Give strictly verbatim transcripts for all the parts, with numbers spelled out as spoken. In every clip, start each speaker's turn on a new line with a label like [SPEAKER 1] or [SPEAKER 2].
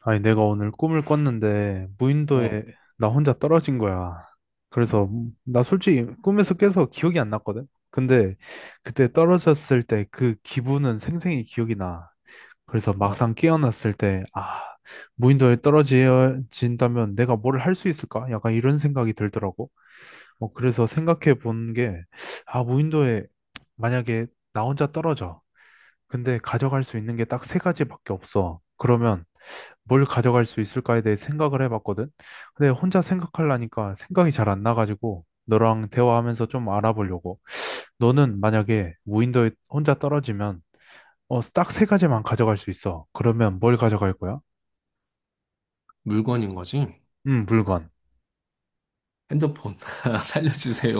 [SPEAKER 1] 아니, 내가 오늘 꿈을 꿨는데,
[SPEAKER 2] 어,
[SPEAKER 1] 무인도에 나 혼자 떨어진 거야. 그래서, 나 솔직히 꿈에서 깨서 기억이 안 났거든? 근데, 그때 떨어졌을 때 그 기분은 생생히 기억이 나. 그래서
[SPEAKER 2] 어.
[SPEAKER 1] 막상 깨어났을 때, 아, 무인도에 떨어진다면 내가 뭘 할 수 있을까? 약간 이런 생각이 들더라고. 뭐, 그래서 생각해 본 게, 아, 무인도에 만약에 나 혼자 떨어져. 근데 가져갈 수 있는 게 딱 세 가지밖에 없어. 그러면, 뭘 가져갈 수 있을까에 대해 생각을 해봤거든. 근데 혼자 생각하려니까 생각이 잘 안 나가지고 너랑 대화하면서 좀 알아보려고. 너는 만약에 무인도에 혼자 떨어지면 어, 딱 세 가지만 가져갈 수 있어. 그러면 뭘 가져갈 거야?
[SPEAKER 2] 물건인 거지?
[SPEAKER 1] 음, 물건.
[SPEAKER 2] 핸드폰 살려주세요.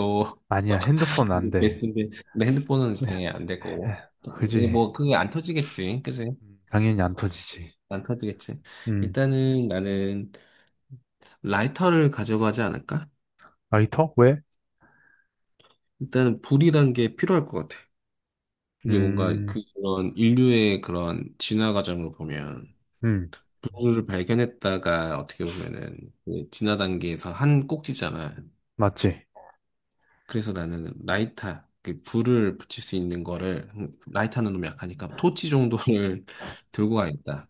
[SPEAKER 1] 아니야, 핸드폰
[SPEAKER 2] 이게
[SPEAKER 1] 안 돼.
[SPEAKER 2] 베스트인데 근데 핸드폰은 당연히 안 될 거고
[SPEAKER 1] 에,
[SPEAKER 2] 또, 이게
[SPEAKER 1] 그지.
[SPEAKER 2] 뭐 그게 안 터지겠지, 그지?
[SPEAKER 1] 음, 당연히 안 터지지.
[SPEAKER 2] 안 터지겠지.
[SPEAKER 1] 음,
[SPEAKER 2] 일단은 나는 라이터를 가져가지 않을까?
[SPEAKER 1] 라이터? 왜?
[SPEAKER 2] 일단은 불이란 게 필요할 것 같아. 이게 뭔가
[SPEAKER 1] 음,
[SPEAKER 2] 그런 인류의 그런 진화 과정으로 보면
[SPEAKER 1] 음,
[SPEAKER 2] 불을 발견했다가 어떻게 보면은 그 진화 단계에서 한 꼭지잖아.
[SPEAKER 1] 맞지.
[SPEAKER 2] 그래서 나는 라이터, 그 불을 붙일 수 있는 거를, 음, 라이터는 너무 약하니까 토치 정도를 들고 가겠다.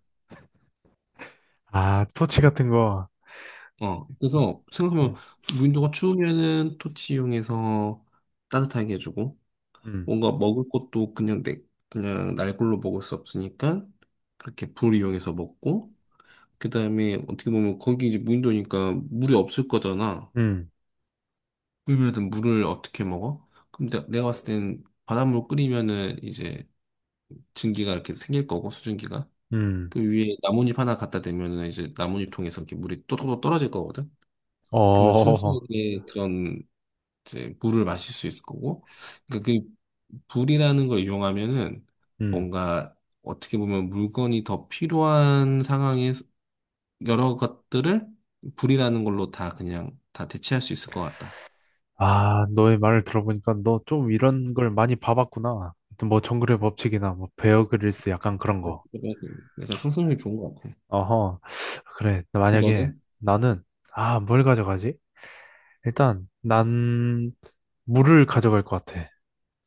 [SPEAKER 1] 아, 토치 같은 거.
[SPEAKER 2] 어, 그래서 생각하면
[SPEAKER 1] 음,
[SPEAKER 2] 무인도가 추우면은 토치 이용해서 따뜻하게 해주고,
[SPEAKER 1] 음,
[SPEAKER 2] 뭔가 먹을 것도 그냥 내, 그냥 날골로 먹을 수 없으니까, 그렇게 불 이용해서 먹고, 그 다음에 어떻게 보면 거기 이제 무인도니까 물이 없을 거잖아.
[SPEAKER 1] 음,
[SPEAKER 2] 그러면 물을 어떻게 먹어? 근데 내가 봤을 땐 바닷물 끓이면은 이제 증기가 이렇게 생길 거고 수증기가
[SPEAKER 1] 음,
[SPEAKER 2] 그 위에 나뭇잎 하나 갖다 대면은 이제 나뭇잎 통해서 이렇게 물이 또또또 떨어질 거거든. 그러면
[SPEAKER 1] 어,
[SPEAKER 2] 순수하게 그런 이제 물을 마실 수 있을 거고. 그러니까 그 불이라는 걸 이용하면은
[SPEAKER 1] 음.
[SPEAKER 2] 뭔가 어떻게 보면 물건이 더 필요한 상황에 여러 것들을 불이라는 걸로 다 그냥 다 대체할 수 있을 것 같다.
[SPEAKER 1] 아, 너의 말을 들어보니까 너 좀 이런 걸 많이 봐봤구나. 하여튼 뭐 정글의 법칙이나 뭐 베어 그릴스 약간 그런 거.
[SPEAKER 2] 내가 상상력이 좋은 것 같아.
[SPEAKER 1] 어허. 그래. 만약에
[SPEAKER 2] 너는?
[SPEAKER 1] 나는 아, 뭘 가져가지? 일단 난 물을 가져갈 것 같아.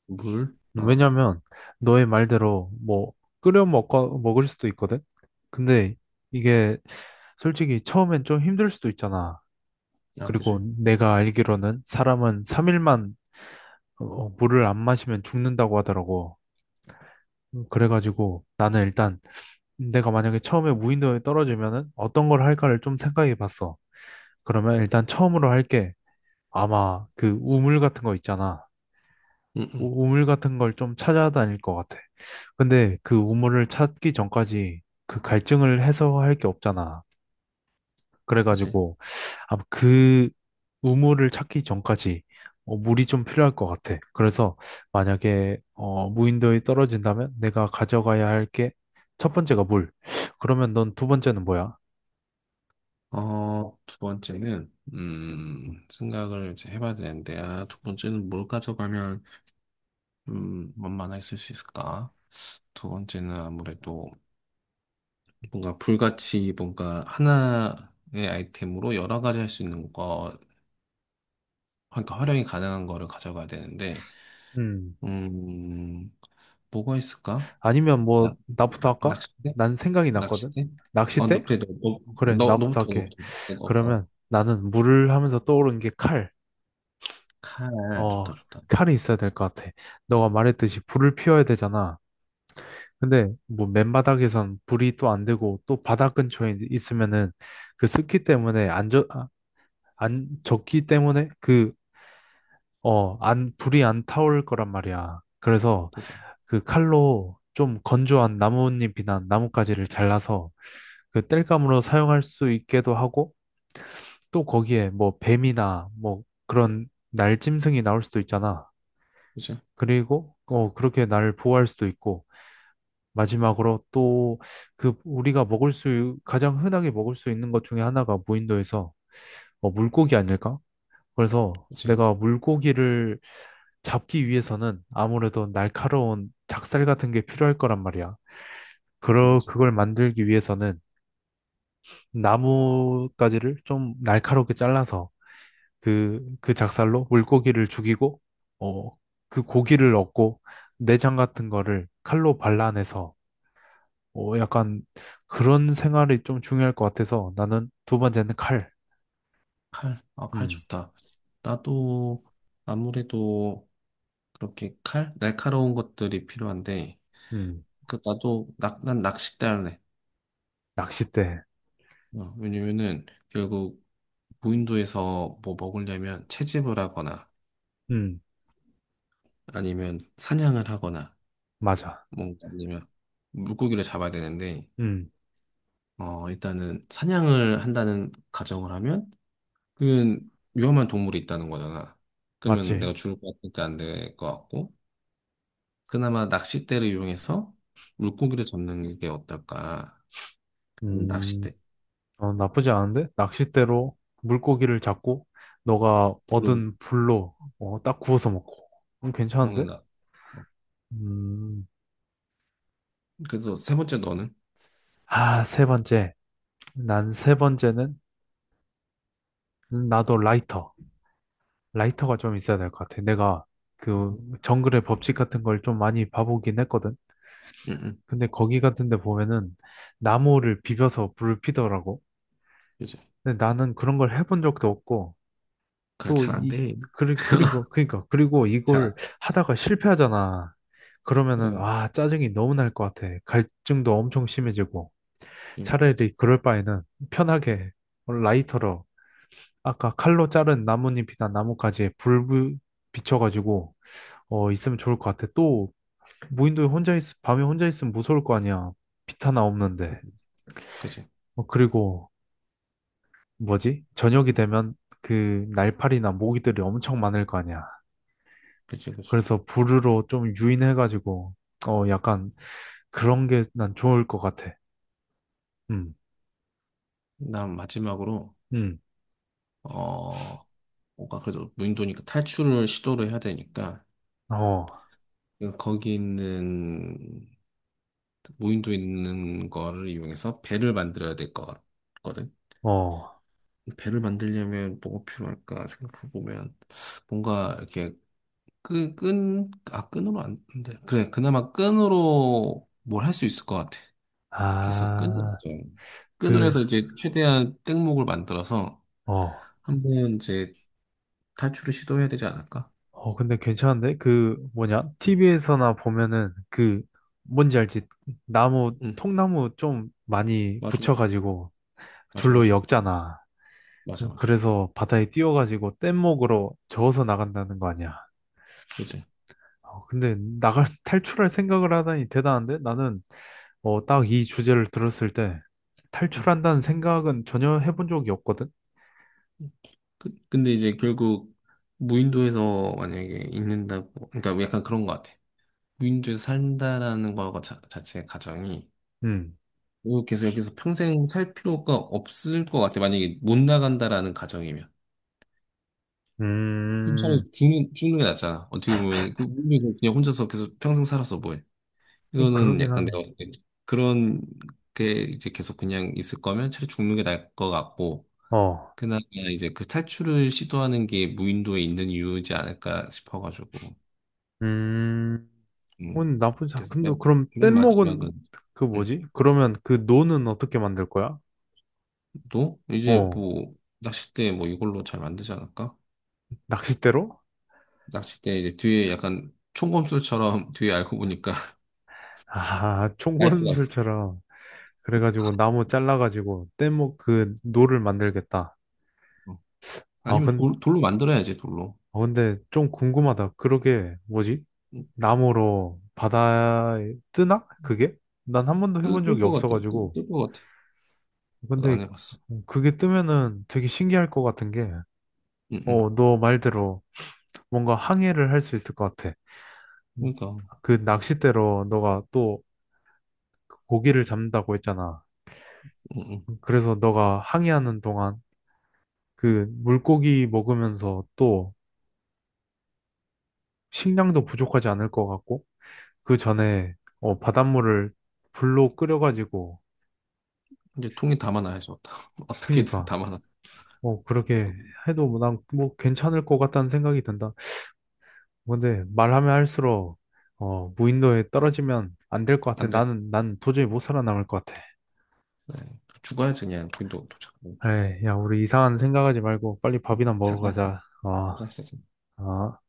[SPEAKER 2] 물? 어,
[SPEAKER 1] 왜냐면 너의 말대로 뭐 끓여 먹고 먹을 수도 있거든. 근데 이게 솔직히 처음엔 좀 힘들 수도 있잖아.
[SPEAKER 2] 야,
[SPEAKER 1] 그리고
[SPEAKER 2] 그지?
[SPEAKER 1] 내가 알기로는 사람은 삼 일만 물을 안 마시면 죽는다고 하더라고. 음, 그래가지고 나는 일단 내가 만약에 처음에 무인도에 떨어지면은 어떤 걸 할까를 좀 생각해 봤어. 그러면 일단 처음으로 할게 아마 그 우물 같은 거 있잖아.
[SPEAKER 2] 응, 응,
[SPEAKER 1] 우- 우물 같은 걸 좀 찾아다닐 것 같아. 근데 그 우물을 찾기 전까지 그 갈증을 해소할 게 없잖아.
[SPEAKER 2] 그지?
[SPEAKER 1] 그래가지고 아마 그 우물을 찾기 전까지 어, 물이 좀 필요할 것 같아. 그래서 만약에 어, 무인도에 떨어진다면 내가 가져가야 할게 첫 번째가 물. 그러면 넌 두 번째는 뭐야?
[SPEAKER 2] 어, 두 번째는, 음, 생각을 이제 해봐야 되는데, 아, 두 번째는 뭘 가져가면, 음, 만만하 있을 수 있을까? 두 번째는 아무래도 뭔가 불같이 뭔가 하나의 아이템으로 여러 가지 할 수 있는 거, 그러니까 활용이 가능한 거를 가져가야 되는데,
[SPEAKER 1] 음.
[SPEAKER 2] 음, 뭐가 있을까?
[SPEAKER 1] 아니면 뭐
[SPEAKER 2] 낚,
[SPEAKER 1] 나부터
[SPEAKER 2] 낚-
[SPEAKER 1] 할까?
[SPEAKER 2] 낚싯대?
[SPEAKER 1] 난 생각이 났거든.
[SPEAKER 2] 낚싯대? 어,
[SPEAKER 1] 낚싯대?
[SPEAKER 2] 너, 그래, 너, 너,
[SPEAKER 1] 그래,
[SPEAKER 2] 너,
[SPEAKER 1] 나부터
[SPEAKER 2] 너부터,
[SPEAKER 1] 할게.
[SPEAKER 2] 너부터. 어, 어.
[SPEAKER 1] 그러면
[SPEAKER 2] 어.
[SPEAKER 1] 나는 물을 하면서 떠오른 게 칼.
[SPEAKER 2] 칼,
[SPEAKER 1] 어,
[SPEAKER 2] 좋다, 좋다.
[SPEAKER 1] 칼이 있어야 될 것 같아. 너가 말했듯이 불을 피워야 되잖아. 근데 뭐 맨바닥에선 불이 또 안 되고 또 바닥 근처에 있- 있으면은 그 습기 때문에 안 젖, 아, 안 젖기 때문에 그, 어, 안, 불이 안 타올 거란 말이야. 그래서
[SPEAKER 2] 그래서,
[SPEAKER 1] 그 칼로 좀 건조한 나뭇잎이나 나뭇가지를 잘라서 그 땔감으로 사용할 수 있게도 하고 또 거기에 뭐 뱀이나 뭐 그런 날짐승이 나올 수도 있잖아.
[SPEAKER 2] 그죠?
[SPEAKER 1] 그리고 어, 그렇게 날 보호할 수도 있고 마지막으로 또 그 우리가 먹을 수, 가장 흔하게 먹을 수 있는 것 중에 하나가 무인도에서 어, 물고기 아닐까? 그래서
[SPEAKER 2] 그치.
[SPEAKER 1] 내가 물고기를 잡기 위해서는 아무래도 날카로운 작살 같은 게 필요할 거란 말이야.
[SPEAKER 2] 그치,
[SPEAKER 1] 그러,
[SPEAKER 2] 그치.
[SPEAKER 1] 그걸 만들기 위해서는 나뭇가지를 좀 날카롭게 잘라서 그, 그 작살로 물고기를 죽이고, 어, 그 고기를 얻고 내장 같은 거를 칼로 발라내서 어, 약간 그런 생활이 좀 중요할 것 같아서 나는 두 번째는 칼.
[SPEAKER 2] 아, 칼
[SPEAKER 1] 음,
[SPEAKER 2] 좋다. 나도 아무래도 그렇게 칼? 날카로운 것들이 필요한데,
[SPEAKER 1] 음,
[SPEAKER 2] 그, 나도, 낙, 난 낚싯대 할래.
[SPEAKER 1] 낚싯대.
[SPEAKER 2] 어, 왜냐면은, 결국, 무인도에서 뭐 먹으려면 채집을 하거나,
[SPEAKER 1] 음,
[SPEAKER 2] 아니면 사냥을 하거나,
[SPEAKER 1] 맞아.
[SPEAKER 2] 뭔가 아니면 물고기를 잡아야 되는데,
[SPEAKER 1] 음,
[SPEAKER 2] 어, 일단은 사냥을 한다는 가정을 하면, 그건 위험한 동물이 있다는 거잖아. 그러면
[SPEAKER 1] 맞지.
[SPEAKER 2] 내가 죽을 것 같으니까 안 될 것 같고, 그나마 낚싯대를 이용해서 물고기를 잡는 게 어떨까? 음,
[SPEAKER 1] 음,
[SPEAKER 2] 낚싯대,
[SPEAKER 1] 어, 나쁘지 않은데? 낚싯대로 물고기를 잡고 너가
[SPEAKER 2] 불로
[SPEAKER 1] 얻은 불로 어, 딱 구워서 먹고. 음, 괜찮은데?
[SPEAKER 2] 먹는다. 어,
[SPEAKER 1] 음,
[SPEAKER 2] 그래서 세 번째 너는?
[SPEAKER 1] 아, 세 번째. 난 세 번째는 나도 라이터. 라이터가 좀 있어야 될 것 같아. 내가 그
[SPEAKER 2] 응,
[SPEAKER 1] 정글의 법칙 같은 걸 좀 많이 봐보긴 했거든.
[SPEAKER 2] 응,
[SPEAKER 1] 근데 거기 같은 데 보면은 나무를 비벼서 불을 피더라고.
[SPEAKER 2] 그치.
[SPEAKER 1] 근데 나는 그런 걸 해본 적도 없고, 또
[SPEAKER 2] 그잘안
[SPEAKER 1] 이,
[SPEAKER 2] 돼.
[SPEAKER 1] 그리, 그리고, 그니까, 그리고
[SPEAKER 2] 자,
[SPEAKER 1] 이걸 하다가 실패하잖아. 그러면은,
[SPEAKER 2] 어,
[SPEAKER 1] 아, 짜증이 너무 날 것 같아. 갈증도 엄청 심해지고.
[SPEAKER 2] 그치,
[SPEAKER 1] 차라리 그럴 바에는 편하게 라이터로, 아까 칼로 자른 나뭇잎이나 나뭇가지에 불 부- 비춰가지고, 어, 있으면 좋을 것 같아. 또, 무인도에 혼자 있, 밤에 혼자 있으면 무서울 거 아니야. 빛 하나 없는데.
[SPEAKER 2] 그치,
[SPEAKER 1] 어, 그리고 뭐지? 저녁이 되면 그 날파리나 모기들이 엄청 많을 거 아니야.
[SPEAKER 2] 그치, 그치.
[SPEAKER 1] 그래서 불르로 좀 유인해가지고, 어, 약간 그런 게 난 좋을 것 같아. 음,
[SPEAKER 2] 난 마지막으로,
[SPEAKER 1] 음,
[SPEAKER 2] 어, 뭔가 그래도 무인도니까 탈출을 시도를 해야 되니까,
[SPEAKER 1] 어,
[SPEAKER 2] 거기 있는, 무인도 있는 거를 이용해서 배를 만들어야 될 것 같거든.
[SPEAKER 1] 어,
[SPEAKER 2] 배를 만들려면 뭐가 필요할까 생각해보면 뭔가 이렇게 끈, 끈, 아, 끈으로 안 돼. 그래, 그나마 끈으로 뭘 할 수 있을 것 같아. 그래서 끈이
[SPEAKER 1] 아,
[SPEAKER 2] 있죠. 끈을
[SPEAKER 1] 그,
[SPEAKER 2] 해서 이제 최대한 땡목을 만들어서
[SPEAKER 1] 어,
[SPEAKER 2] 한번 이제 탈출을 시도해야 되지 않을까?
[SPEAKER 1] 어, 근데 괜찮은데? 그, 뭐냐?
[SPEAKER 2] 응,
[SPEAKER 1] 티비에서나 보면은 그, 뭔지 알지? 나무,
[SPEAKER 2] 응,
[SPEAKER 1] 통나무 좀 많이
[SPEAKER 2] 맞아,
[SPEAKER 1] 붙여가지고
[SPEAKER 2] 맞아,
[SPEAKER 1] 줄로
[SPEAKER 2] 맞아,
[SPEAKER 1] 엮잖아.
[SPEAKER 2] 맞아, 맞아.
[SPEAKER 1] 그래서 바다에 띄워가지고 뗏목으로 저어서 나간다는 거 아니야.
[SPEAKER 2] 그치?
[SPEAKER 1] 어, 근데 나갈 탈출할 생각을 하다니 대단한데 나는 어, 딱 이 주제를 들었을 때
[SPEAKER 2] 응.
[SPEAKER 1] 탈출한다는 생각은 전혀 해본 적이 없거든.
[SPEAKER 2] 그, 근데 이제 결국 무인도에서 만약에 있는다고, 그러니까 약간 그런 것 같아. 무인도에서 산다라는 거 자, 자체의 가정이
[SPEAKER 1] 음,
[SPEAKER 2] 이거 계속 여기서 평생 살 필요가 없을 것 같아. 만약에 못 나간다라는 가정이면. 그럼 차라리
[SPEAKER 1] 음,
[SPEAKER 2] 죽는, 죽는 게 낫잖아. 어떻게 보면, 그, 물리 그냥 혼자서 계속 평생 살아서 뭐해.
[SPEAKER 1] 아니,
[SPEAKER 2] 이거는
[SPEAKER 1] 그러긴
[SPEAKER 2] 약간 내가
[SPEAKER 1] 하다.
[SPEAKER 2] 봤을 때 그런 게 이제 계속 그냥 있을 거면 차라리 죽는 게 나을 것 같고,
[SPEAKER 1] 어,
[SPEAKER 2] 그나마 이제 그 탈출을 시도하는 게 무인도에 있는 이유지 않을까 싶어가지고,
[SPEAKER 1] 음,
[SPEAKER 2] 음.
[SPEAKER 1] 오늘 나쁜
[SPEAKER 2] 그래서
[SPEAKER 1] 작품도
[SPEAKER 2] 맨,
[SPEAKER 1] 그럼
[SPEAKER 2] 맨
[SPEAKER 1] 뗏목은
[SPEAKER 2] 마지막은,
[SPEAKER 1] 그
[SPEAKER 2] 음.
[SPEAKER 1] 뭐지? 그러면 그 노는 어떻게 만들 거야?
[SPEAKER 2] 또 이제
[SPEAKER 1] 어,
[SPEAKER 2] 뭐, 낚싯대 뭐 이걸로 잘 만들지 않을까?
[SPEAKER 1] 낚싯대로?
[SPEAKER 2] 낚싯대 이제 뒤에 약간 총검술처럼 뒤에 알고 보니까
[SPEAKER 1] 아,
[SPEAKER 2] 라이프가 있어.
[SPEAKER 1] 총검술처럼 그래가지고 나무 잘라가지고 뗏목 그 노를 만들겠다.
[SPEAKER 2] 어.
[SPEAKER 1] 아,
[SPEAKER 2] 아니면
[SPEAKER 1] 근
[SPEAKER 2] 돌, 돌로 만들어야지, 돌로.
[SPEAKER 1] 어, 근데 좀 궁금하다. 그러게, 뭐지? 나무로 바다에 뜨나? 그게? 난 한 번도 해본
[SPEAKER 2] 뜰것
[SPEAKER 1] 적이
[SPEAKER 2] 같아. 뜰
[SPEAKER 1] 없어가지고.
[SPEAKER 2] 것 같아. 나도
[SPEAKER 1] 근데
[SPEAKER 2] 안 해봤어.
[SPEAKER 1] 그게 뜨면은 되게 신기할 것 같은 게,
[SPEAKER 2] 응, 응.
[SPEAKER 1] 어, 너 말대로 뭔가 항해를 할 수 있을 것 같아. 음,
[SPEAKER 2] 그러니까,
[SPEAKER 1] 그 낚싯대로 너가 또 고기를 잡는다고 했잖아.
[SPEAKER 2] 응, 응.
[SPEAKER 1] 그래서 너가 항해하는 동안 그 물고기 먹으면서 또 식량도 부족하지 않을 것 같고, 그 전에 어, 바닷물을 불로 끓여가지고
[SPEAKER 2] 이제 통에 담아놔야지, 어떡- 어떻게든
[SPEAKER 1] 그니까
[SPEAKER 2] 담아놔.
[SPEAKER 1] 어, 그렇게 해도 난 뭐 괜찮을 것 같다는 생각이 든다. 근데 말하면 할수록 어, 무인도에 떨어지면 안 될 것 같아.
[SPEAKER 2] 안 돼.
[SPEAKER 1] 나는 난 도저히 못 살아남을 것 같아.
[SPEAKER 2] 네. 죽어야지, 그냥. 근데 도착.
[SPEAKER 1] 그래, 야, 우리 이상한 생각하지 말고 빨리 밥이나 먹으러
[SPEAKER 2] 자자,
[SPEAKER 1] 가자.
[SPEAKER 2] 자자,
[SPEAKER 1] 어,
[SPEAKER 2] 자자.
[SPEAKER 1] 어.